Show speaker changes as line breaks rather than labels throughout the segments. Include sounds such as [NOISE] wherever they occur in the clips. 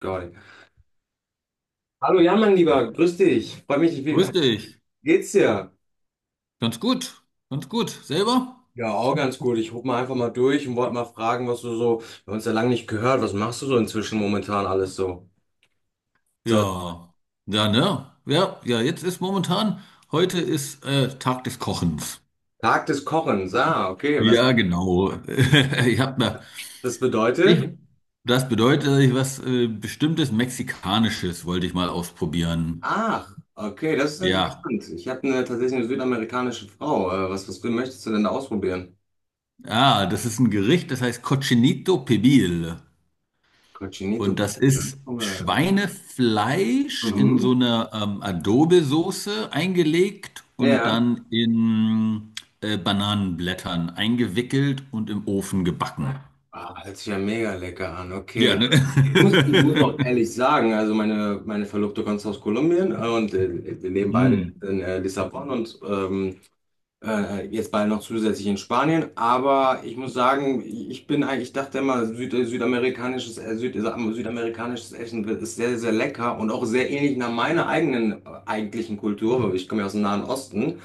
Geil. Hallo, ja, mein
Ja,
Lieber, grüß dich. Freue mich, wie
grüß dich.
geht's dir?
Ganz gut. Ganz gut. Selber?
Ja, auch ganz gut. Ich rufe mal einfach mal durch und wollte mal fragen, was du so, wir haben uns ja lange nicht gehört, was machst du so inzwischen momentan alles so? So,
Ja. Ja, ne? Ja, jetzt ist momentan, heute ist Tag des Kochens.
Tag des Kochens, ah, okay, was
Ja, genau. [LAUGHS] Ich hab mir,
das bedeutet?
ich, das bedeutet, dass ich was bestimmtes Mexikanisches wollte ich mal ausprobieren.
Ach, okay, das ist
Ja.
interessant. Ich habe tatsächlich eine südamerikanische Frau. Was möchtest du denn da ausprobieren?
Ah, das ist ein Gericht, das heißt Cochinito Pibil. Und
Cochinito.
das ist Schweinefleisch in
Mhm.
so eine Adobe-Soße eingelegt und
Ja.
dann in Bananenblättern eingewickelt und im Ofen gebacken.
Ah, hört sich ja mega lecker an,
Ja,
okay.
ne?
Muss ich muss auch
[LAUGHS]
ehrlich sagen, also meine Verlobte kommt aus Kolumbien und wir leben beide
Hm.
in Lissabon und jetzt bald noch zusätzlich in Spanien, aber ich muss sagen, ich dachte immer, südamerikanisches Essen ist sehr, sehr lecker und auch sehr ähnlich nach meiner eigenen eigentlichen Kultur, weil ich komme ja aus dem Nahen Osten,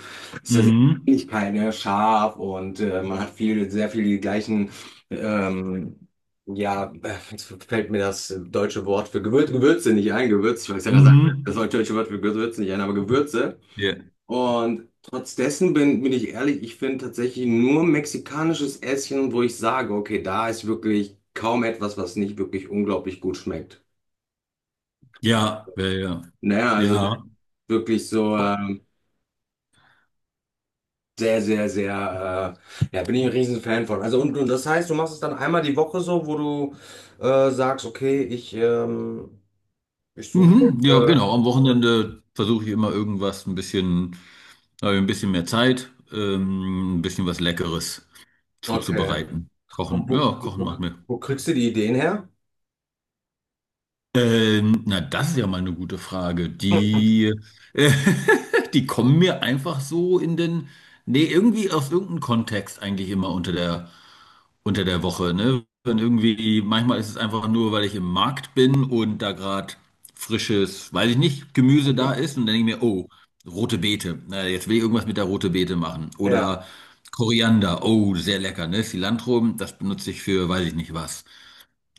ist ja sehr
Mhm.
Ähnlichkeit, ne? Scharf und man hat viel, sehr viel die gleichen, ähm, ja, jetzt fällt mir das deutsche Wort für Gewürze nicht ein, Gewürz, ich weiß ja, da sagt,
Mhm.
das deutsche Wort für Gewürze nicht ein, aber Gewürze.
Ja,
Und trotz dessen bin ich ehrlich, ich finde tatsächlich nur mexikanisches Essen, wo ich sage, okay, da ist wirklich kaum etwas, was nicht wirklich unglaublich gut schmeckt.
ja.
Naja,
Ja,
also wirklich so
Bo-
sehr, sehr, sehr, ja, bin ich ein riesen Fan von. Also und das heißt, du machst es dann einmal die Woche so, wo du sagst, okay, ich suche mir
mhm.
jetzt,
Ja, genau. Am Wochenende versuche ich immer irgendwas, ein bisschen, habe ich ein bisschen mehr Zeit, ein bisschen was Leckeres
okay.
zuzubereiten.
Und
Kochen, ja,
wo, wo,
kochen
wo,
macht mir.
wo kriegst du die Ideen her?
Na, das ist ja mal eine gute Frage. Äh, [LAUGHS] die kommen mir einfach so in den, nee, irgendwie aus irgendeinem Kontext eigentlich immer unter der Woche, ne? Wenn irgendwie, manchmal ist es einfach nur, weil ich im Markt bin und da gerade frisches, weiß ich nicht, Gemüse
Mhm.
da ist und dann denke ich mir, oh, rote Beete, na, jetzt will ich irgendwas mit der rote Beete machen.
Ja,
Oder Koriander, oh, sehr lecker, ne? Cilantro, das benutze ich für, weiß ich nicht was.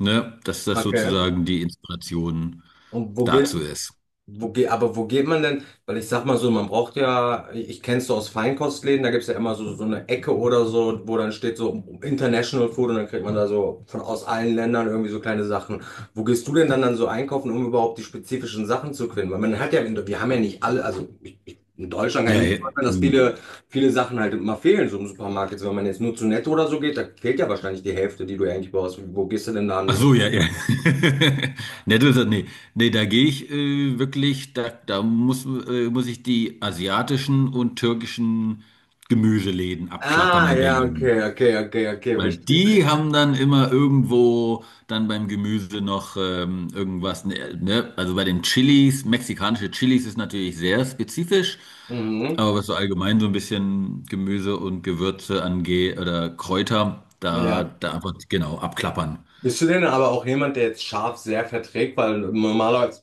Ne? Dass das
okay.
sozusagen die Inspiration
Und wo gehst
dazu ist.
Wo geht, aber wo geht man denn? Weil ich sag mal so, man braucht ja, ich kenn's so aus Feinkostläden, da gibt's ja immer so eine Ecke oder so, wo dann steht so International Food und dann kriegt man da so von aus allen Ländern irgendwie so kleine Sachen. Wo gehst du denn dann so einkaufen, um überhaupt die spezifischen Sachen zu finden? Weil man hat ja, wir haben ja nicht alle, also in Deutschland kann
Ja,
ich mir
ja.
vorstellen, dass
Hm.
viele Sachen halt immer fehlen, so im Supermarkt. Jetzt, wenn man jetzt nur zu Netto oder so geht, da fehlt ja wahrscheinlich die Hälfte, die du eigentlich brauchst. Wo gehst du denn dann
Ach
hin?
so, ja, ja. [LAUGHS] Ne, du sagst, nee, nee, da gehe ich wirklich, da muss, muss ich die asiatischen und türkischen Gemüseläden abklappern
Ah,
in
ja,
Berlin.
okay, okay, okay, okay,
Weil
verstehe.
die haben dann immer irgendwo dann beim Gemüse noch irgendwas, ne? Also bei den Chilis, mexikanische Chilis ist natürlich sehr spezifisch.
Mhm.
Aber was so allgemein so ein bisschen Gemüse und Gewürze angeht oder Kräuter,
Ja.
da einfach genau abklappern.
Bist du denn aber auch jemand, der jetzt Schaf sehr verträgt? Weil normalerweise,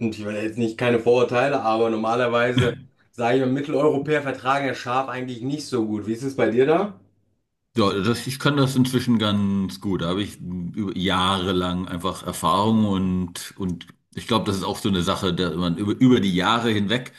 und ich will jetzt nicht keine Vorurteile, aber normalerweise, sage ich mal, Mitteleuropäer vertragen ja Schaf eigentlich nicht so gut. Wie ist es bei dir da?
Ich kann das inzwischen ganz gut. Da habe ich über Jahre lang einfach Erfahrung und ich glaube, das ist auch so eine Sache, da man über die Jahre hinweg,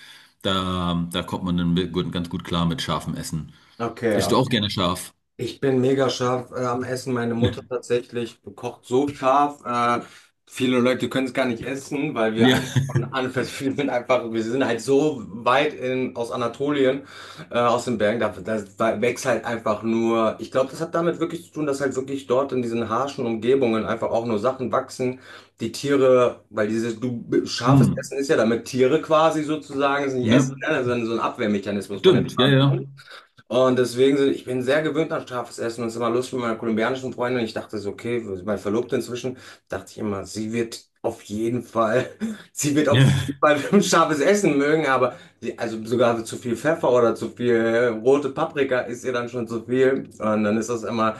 da kommt man dann mit- gut, ganz gut klar mit scharfem Essen.
Okay,
Isst du auch
okay.
gerne scharf?
Ich bin mega scharf am Essen. Meine Mutter
[LAUGHS]
tatsächlich kocht so scharf. Viele Leute können es gar nicht essen, weil wir
Ja,
einfach von Anfang, [LAUGHS] wir sind halt so weit aus Anatolien, aus den Bergen, da wächst halt einfach nur. Ich glaube, das hat damit wirklich zu tun, dass halt wirklich dort in diesen harschen Umgebungen einfach auch nur Sachen wachsen, die Tiere, weil dieses scharfes
hm.
Essen ist ja, damit Tiere quasi sozusagen es nicht
Ne?
essen, ne? Das so ein Abwehrmechanismus von den
Stimmt, ja, ja.
Pflanzen. Und deswegen, ich bin sehr gewöhnt an scharfes Essen und es ist immer lustig mit meiner kolumbianischen Freundin. Ich dachte so, okay, mein Verlobter inzwischen, dachte ich immer, sie wird auf jeden Fall, [LAUGHS] sie wird auf
Ja,
jeden Fall [LAUGHS] scharfes Essen mögen, aber also sogar zu viel Pfeffer oder zu viel rote Paprika ist ihr dann schon zu viel. Und dann ist das immer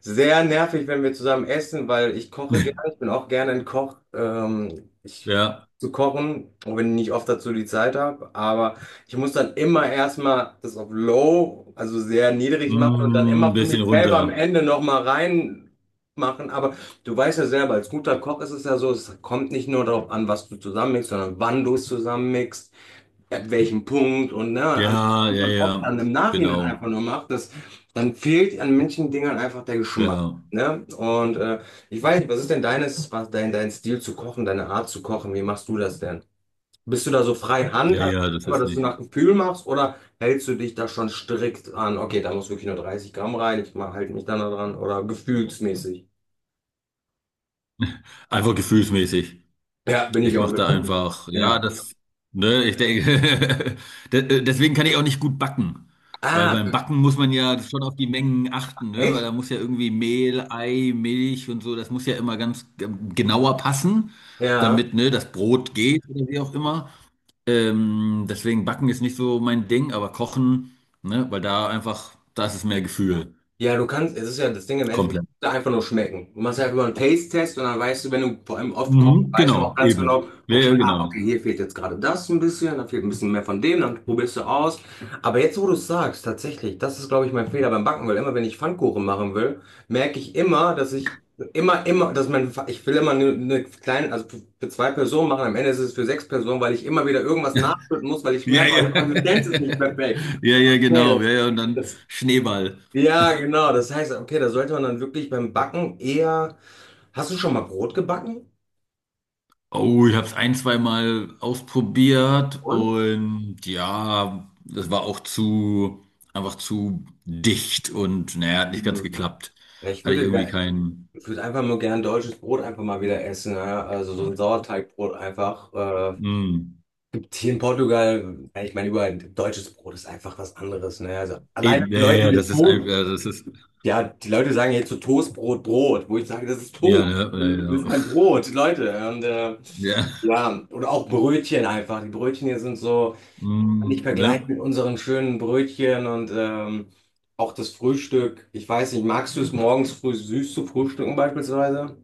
sehr nervig, wenn wir zusammen essen, weil ich koche
[LAUGHS]
gerne, ich bin auch gerne ein Koch. Ich
ja.
zu kochen, auch wenn ich nicht oft dazu die Zeit habe, aber ich muss dann immer erstmal das auf Low, also sehr niedrig machen und dann
Hm,
immer für
bisschen
mich selber am
runter.
Ende nochmal rein machen. Aber du weißt ja selber, als guter Koch ist es ja so, es kommt nicht nur darauf an, was du zusammenmixst, sondern wann du es zusammenmixst, at welchem Punkt und ne, an,
Ja,
und
ja,
dann auch
ja,
dann im Nachhinein
genau.
einfach nur macht, das, dann fehlt an manchen Dingern einfach der Geschmack.
Ja,
Ne? Und ich weiß nicht, was dein Stil zu kochen, deine Art zu kochen? Wie machst du das denn? Bist du da so frei Hand,
ja,
also
ja, das
einfach,
ist
dass du
nicht.
nach Gefühl machst, oder hältst du dich da schon strikt an, okay, da muss wirklich nur 30 Gramm rein, halt mich dann da dran, oder gefühlsmäßig?
Einfach gefühlsmäßig.
Ja, bin
Ich
ich auch
mache
mit.
da einfach,
Ja.
ne, ich denke, [LAUGHS] de- deswegen kann ich auch nicht gut backen. Weil beim
Ah,
Backen muss man ja schon auf die Mengen achten, ne? Weil
echt?
da muss ja irgendwie Mehl, Ei, Milch und so, das muss ja immer ganz genauer passen,
Ja.
damit, ne, das Brot geht oder wie auch immer. Deswegen Backen ist nicht so mein Ding, aber Kochen, ne, weil da einfach, da ist es mehr Gefühl.
Ja, du kannst, es ist ja das Ding im Endeffekt,
Komplett.
da einfach nur schmecken. Du machst einfach mal einen Taste-Test und dann weißt du, wenn du vor allem oft kochst,
Mhm,
weißt du auch
genau. Ja,
ganz genau,
eben. Ja,
okay,
ja,
ah,
genau.
okay, hier fehlt jetzt gerade das ein bisschen, da fehlt ein bisschen mehr von dem, dann probierst du aus. Aber jetzt, wo du es sagst, tatsächlich, das ist, glaube ich, mein Fehler beim Backen, weil immer, wenn ich Pfannkuchen machen will, merke ich immer, dass ich immer, immer, ich will immer eine kleine, also für zwei Personen machen, am Ende ist es für sechs Personen, weil ich immer wieder irgendwas nachschütten muss, weil ich
Ja,
merke, oh,
ja.
die Konsistenz ist nicht
[LAUGHS]
perfekt.
Ja, ja,
Okay,
genau.
das.
Ja, ja, und dann
Das
Schneeball.
ja, genau. Das heißt, okay, da sollte man dann wirklich beim Backen eher. Hast du schon mal Brot gebacken?
Oh, ich habe es ein, zwei Mal ausprobiert
Und?
und ja, das war auch zu, einfach zu dicht und naja, hat nicht ganz
Mhm.
geklappt.
Ja,
Hatte ich irgendwie keinen.
ich würde einfach nur gern deutsches Brot einfach mal wieder essen. Ja? Also so ein Sauerteigbrot einfach. Äh,
Mm,
gibt hier in Portugal, ja, ich meine, überall deutsches Brot ist einfach was anderes. Ne? Also alleine
eben,
die
ja,
Leute,
ja, das ist einfach, das ist,
Ja, die Leute sagen jetzt so Toastbrot, Brot, wo ich sage, das ist
ja,
Toast.
ne, ja,
Das
ja.
ist kein Brot, Leute. Und,
[LAUGHS] Ja,
ja, oder auch Brötchen einfach. Die Brötchen hier sind so. Man nicht
mm, ne.
vergleichen mit unseren schönen Brötchen und auch das Frühstück. Ich weiß nicht, magst du es morgens früh süß zu frühstücken beispielsweise?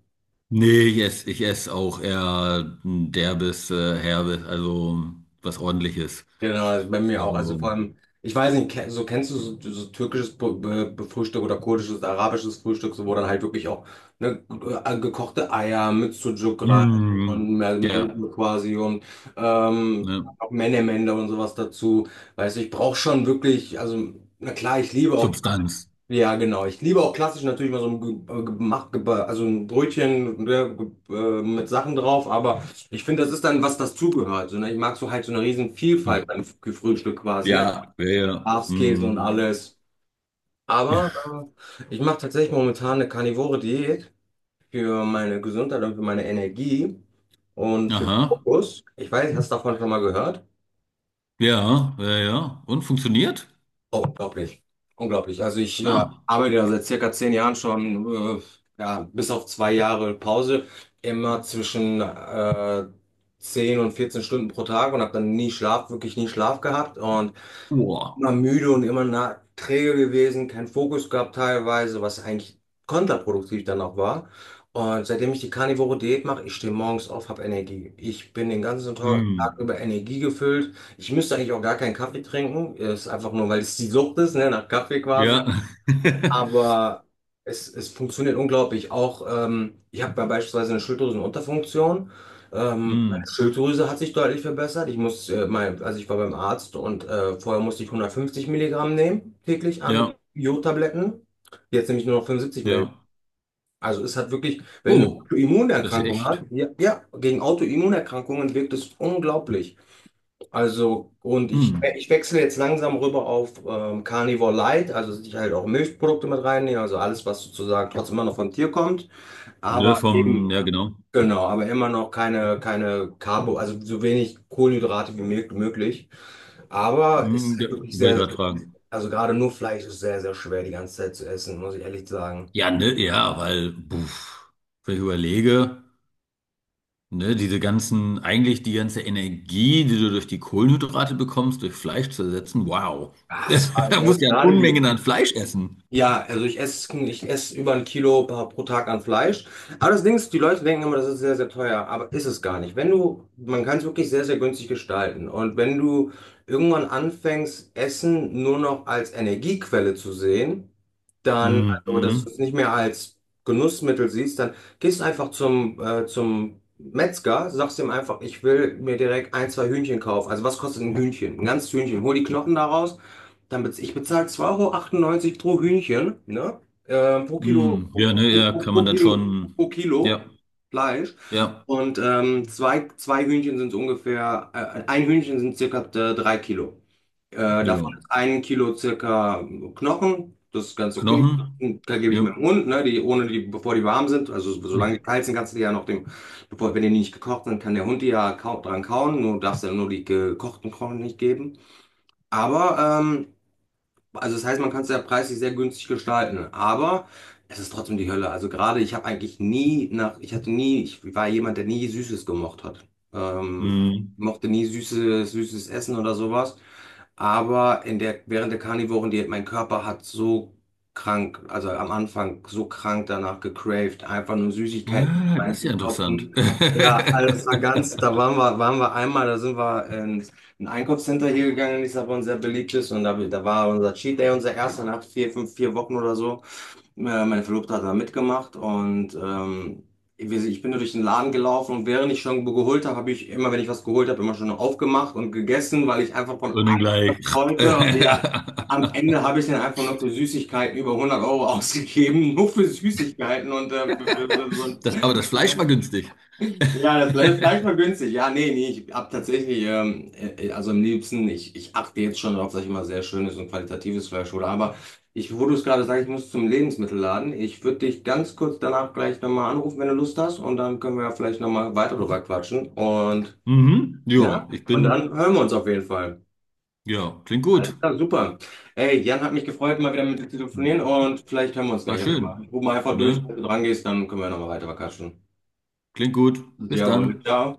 Nee, ich esse auch eher ein derbes, herbes, also was ordentliches.
Genau, also bei mir auch. Also vor
Also,
allem, ich weiß nicht, so kennst du so türkisches Frühstück oder kurdisches, arabisches Frühstück, so wo dann halt wirklich auch ne, gekochte Eier mit Sucuk rein
mm,
und mehr
ja,
Blut quasi und
ne?
auch Menemende und sowas dazu. Weißt du, ich brauche schon wirklich, also na klar, ich liebe auch.
Substanz.
Ja, genau. Ich liebe auch klassisch natürlich mal so ein, also ein Brötchen ne, mit Sachen drauf, aber ich finde, das ist dann, was das zugehört. So, ne? Ich mag so halt so eine riesen
Hm.
Vielfalt beim Frühstück quasi, ne?
Ja, ja, ja.
Schafskäse und
Mm.
alles. Aber ich mache tatsächlich momentan eine karnivore Diät für meine Gesundheit und für meine Energie und für den
Aha,
Fokus. Ich weiß, hast du davon schon mal gehört?
ja, ja, ja. Und funktioniert?
Oh, unglaublich, unglaublich. Also ich
Ah,
arbeite ja seit circa 10 Jahren schon, ja, bis auf 2 Jahre Pause, immer zwischen 10 und 14 Stunden pro Tag und habe dann nie Schlaf, wirklich nie Schlaf gehabt. Und
boah.
immer müde und immer na, träge gewesen, keinen Fokus gehabt teilweise, was eigentlich kontraproduktiv dann auch war. Und seitdem ich die Carnivore Diät mache, ich stehe morgens auf, habe Energie. Ich bin den ganzen Tag
Mm.
über Energie gefüllt. Ich müsste eigentlich auch gar keinen Kaffee trinken. Ist einfach nur, weil es die Sucht ist, ne, nach Kaffee quasi.
Ja. [LAUGHS]
Aber es funktioniert unglaublich. Auch ich habe ja beispielsweise eine Schilddrüsenunterfunktion. Meine
mm.
Schilddrüse hat sich deutlich verbessert. Also ich war beim Arzt und vorher musste ich 150 Milligramm nehmen, täglich an
Ja,
Jodtabletten. Jetzt nehme ich nur noch 75 Milligramm.
ja.
Also es hat wirklich, wenn du eine
Oh, das ist
Autoimmunerkrankung hast,
echt.
ja, ja, gegen Autoimmunerkrankungen wirkt es unglaublich. Also, und ich,
Mm.
ich wechsle jetzt langsam rüber auf Carnivore Light, also dass ich halt auch Milchprodukte mit reinnehme, also alles, was sozusagen trotzdem immer noch vom Tier kommt,
Ne,
aber eben,
vom, ja, genau.
genau, aber immer noch keine Carbo, also so wenig Kohlenhydrate wie möglich. Aber es
Mm, ja,
ist wirklich
wollte ich
sehr,
gerade fragen.
also gerade nur Fleisch ist sehr, sehr schwer die ganze Zeit zu essen, muss ich ehrlich sagen.
Ja, ne, ja, weil, puff, wenn ich überlege, ne, diese ganzen, eigentlich die ganze Energie, die du durch die Kohlenhydrate bekommst, durch Fleisch zu ersetzen, wow.
Ah, es
[LAUGHS]
war
Da musst du ja
gerade die.
Unmengen an Fleisch essen.
Ja, also ich esse über 1 Kilo pro Tag an Fleisch. Aber das Ding ist, die Leute denken immer, das ist sehr, sehr teuer, aber ist es gar nicht. Wenn du, man kann es wirklich sehr, sehr günstig gestalten. Und wenn du irgendwann anfängst, Essen nur noch als Energiequelle zu sehen, dann, also dass
Mhm.
du es nicht mehr als Genussmittel siehst, dann gehst du einfach zum Metzger, sagst ihm einfach, ich will mir direkt ein, zwei Hühnchen kaufen. Also was kostet ein Hühnchen? Ein ganzes Hühnchen. Hol die Knochen daraus, dann bez ich bezahle 2,98 € pro Hühnchen, ne? Pro Kilo,
Mhm. Ja,
pro,
ne, ja,
pro,
kann
pro
man dann
Kilo,
schon,
pro Kilo
ja,
Fleisch.
ja,
Und zwei Hühnchen sind so ungefähr, ein Hühnchen sind circa 3 Kilo. Davon
ja.
ist 1 Kilo circa Knochen, das ist ganz okay.
Knochen,
Und da gebe ich
ja.
meinem Hund, ne, die, ohne die, bevor die warm sind. Also solange die kalt sind, kannst du die ja noch dem, bevor, wenn die nicht gekocht sind, kann der Hund die ja kau dran kauen. Nur darfst du ja nur die gekochten Knochen nicht geben. Aber also das heißt, man kann es ja preislich sehr günstig gestalten, aber es ist trotzdem die Hölle. Also gerade ich habe eigentlich nie nach, ich hatte nie, ich war jemand, der nie Süßes gemocht hat. Ähm,
Mhm.
mochte nie süßes, süßes Essen oder sowas. Aber während der Karnivorendiät, mein Körper hat so krank, also am Anfang so krank danach gecraved, einfach nur Süßigkeiten
Ah, das ist ja interessant.
reinzustopfen.
[LAUGHS]
Ja, also das war ganz, da waren wir einmal, da sind wir ins ein Einkaufscenter hier gegangen in Lissabon, sehr beliebt ist und da war unser Cheat Day, unser erster nach vier, fünf, vier Wochen oder so. Meine Verlobte hat da mitgemacht und ich bin nur durch den Laden gelaufen und während ich schon geholt habe, habe ich immer, wenn ich was geholt habe, immer schon aufgemacht und gegessen, weil ich einfach von
Und dann gleich.
wollte. Ja, am
[LAUGHS]
Ende habe ich dann einfach nur für Süßigkeiten über 100 € ausgegeben. [LAUGHS] Nur für Süßigkeiten und für so
Das, aber das Fleisch war günstig.
ja, das Fleisch,
[LAUGHS]
Fleisch war günstig. Ja, nee, nee, ich habe tatsächlich, also am liebsten, ich achte jetzt schon darauf, dass ich immer sehr schönes und qualitatives Fleisch hole, wo du es gerade sagst, ich muss zum Lebensmittelladen. Ich würde dich ganz kurz danach gleich nochmal anrufen, wenn du Lust hast und dann können wir ja vielleicht nochmal weiter drüber quatschen und
Mhm. Ja,
ja,
ich
und dann
bin,
hören wir uns auf jeden Fall.
ja, klingt
Alles
gut.
klar, super. Ey, Jan, hat mich gefreut, mal wieder mit dir zu telefonieren und vielleicht hören wir uns
War
gleich auch nochmal.
schön.
Ruf mal einfach durch,
Ne?
wenn du dran gehst, dann können wir nochmal weiter quatschen.
Klingt gut. Bis
Ja,
dann.
ciao.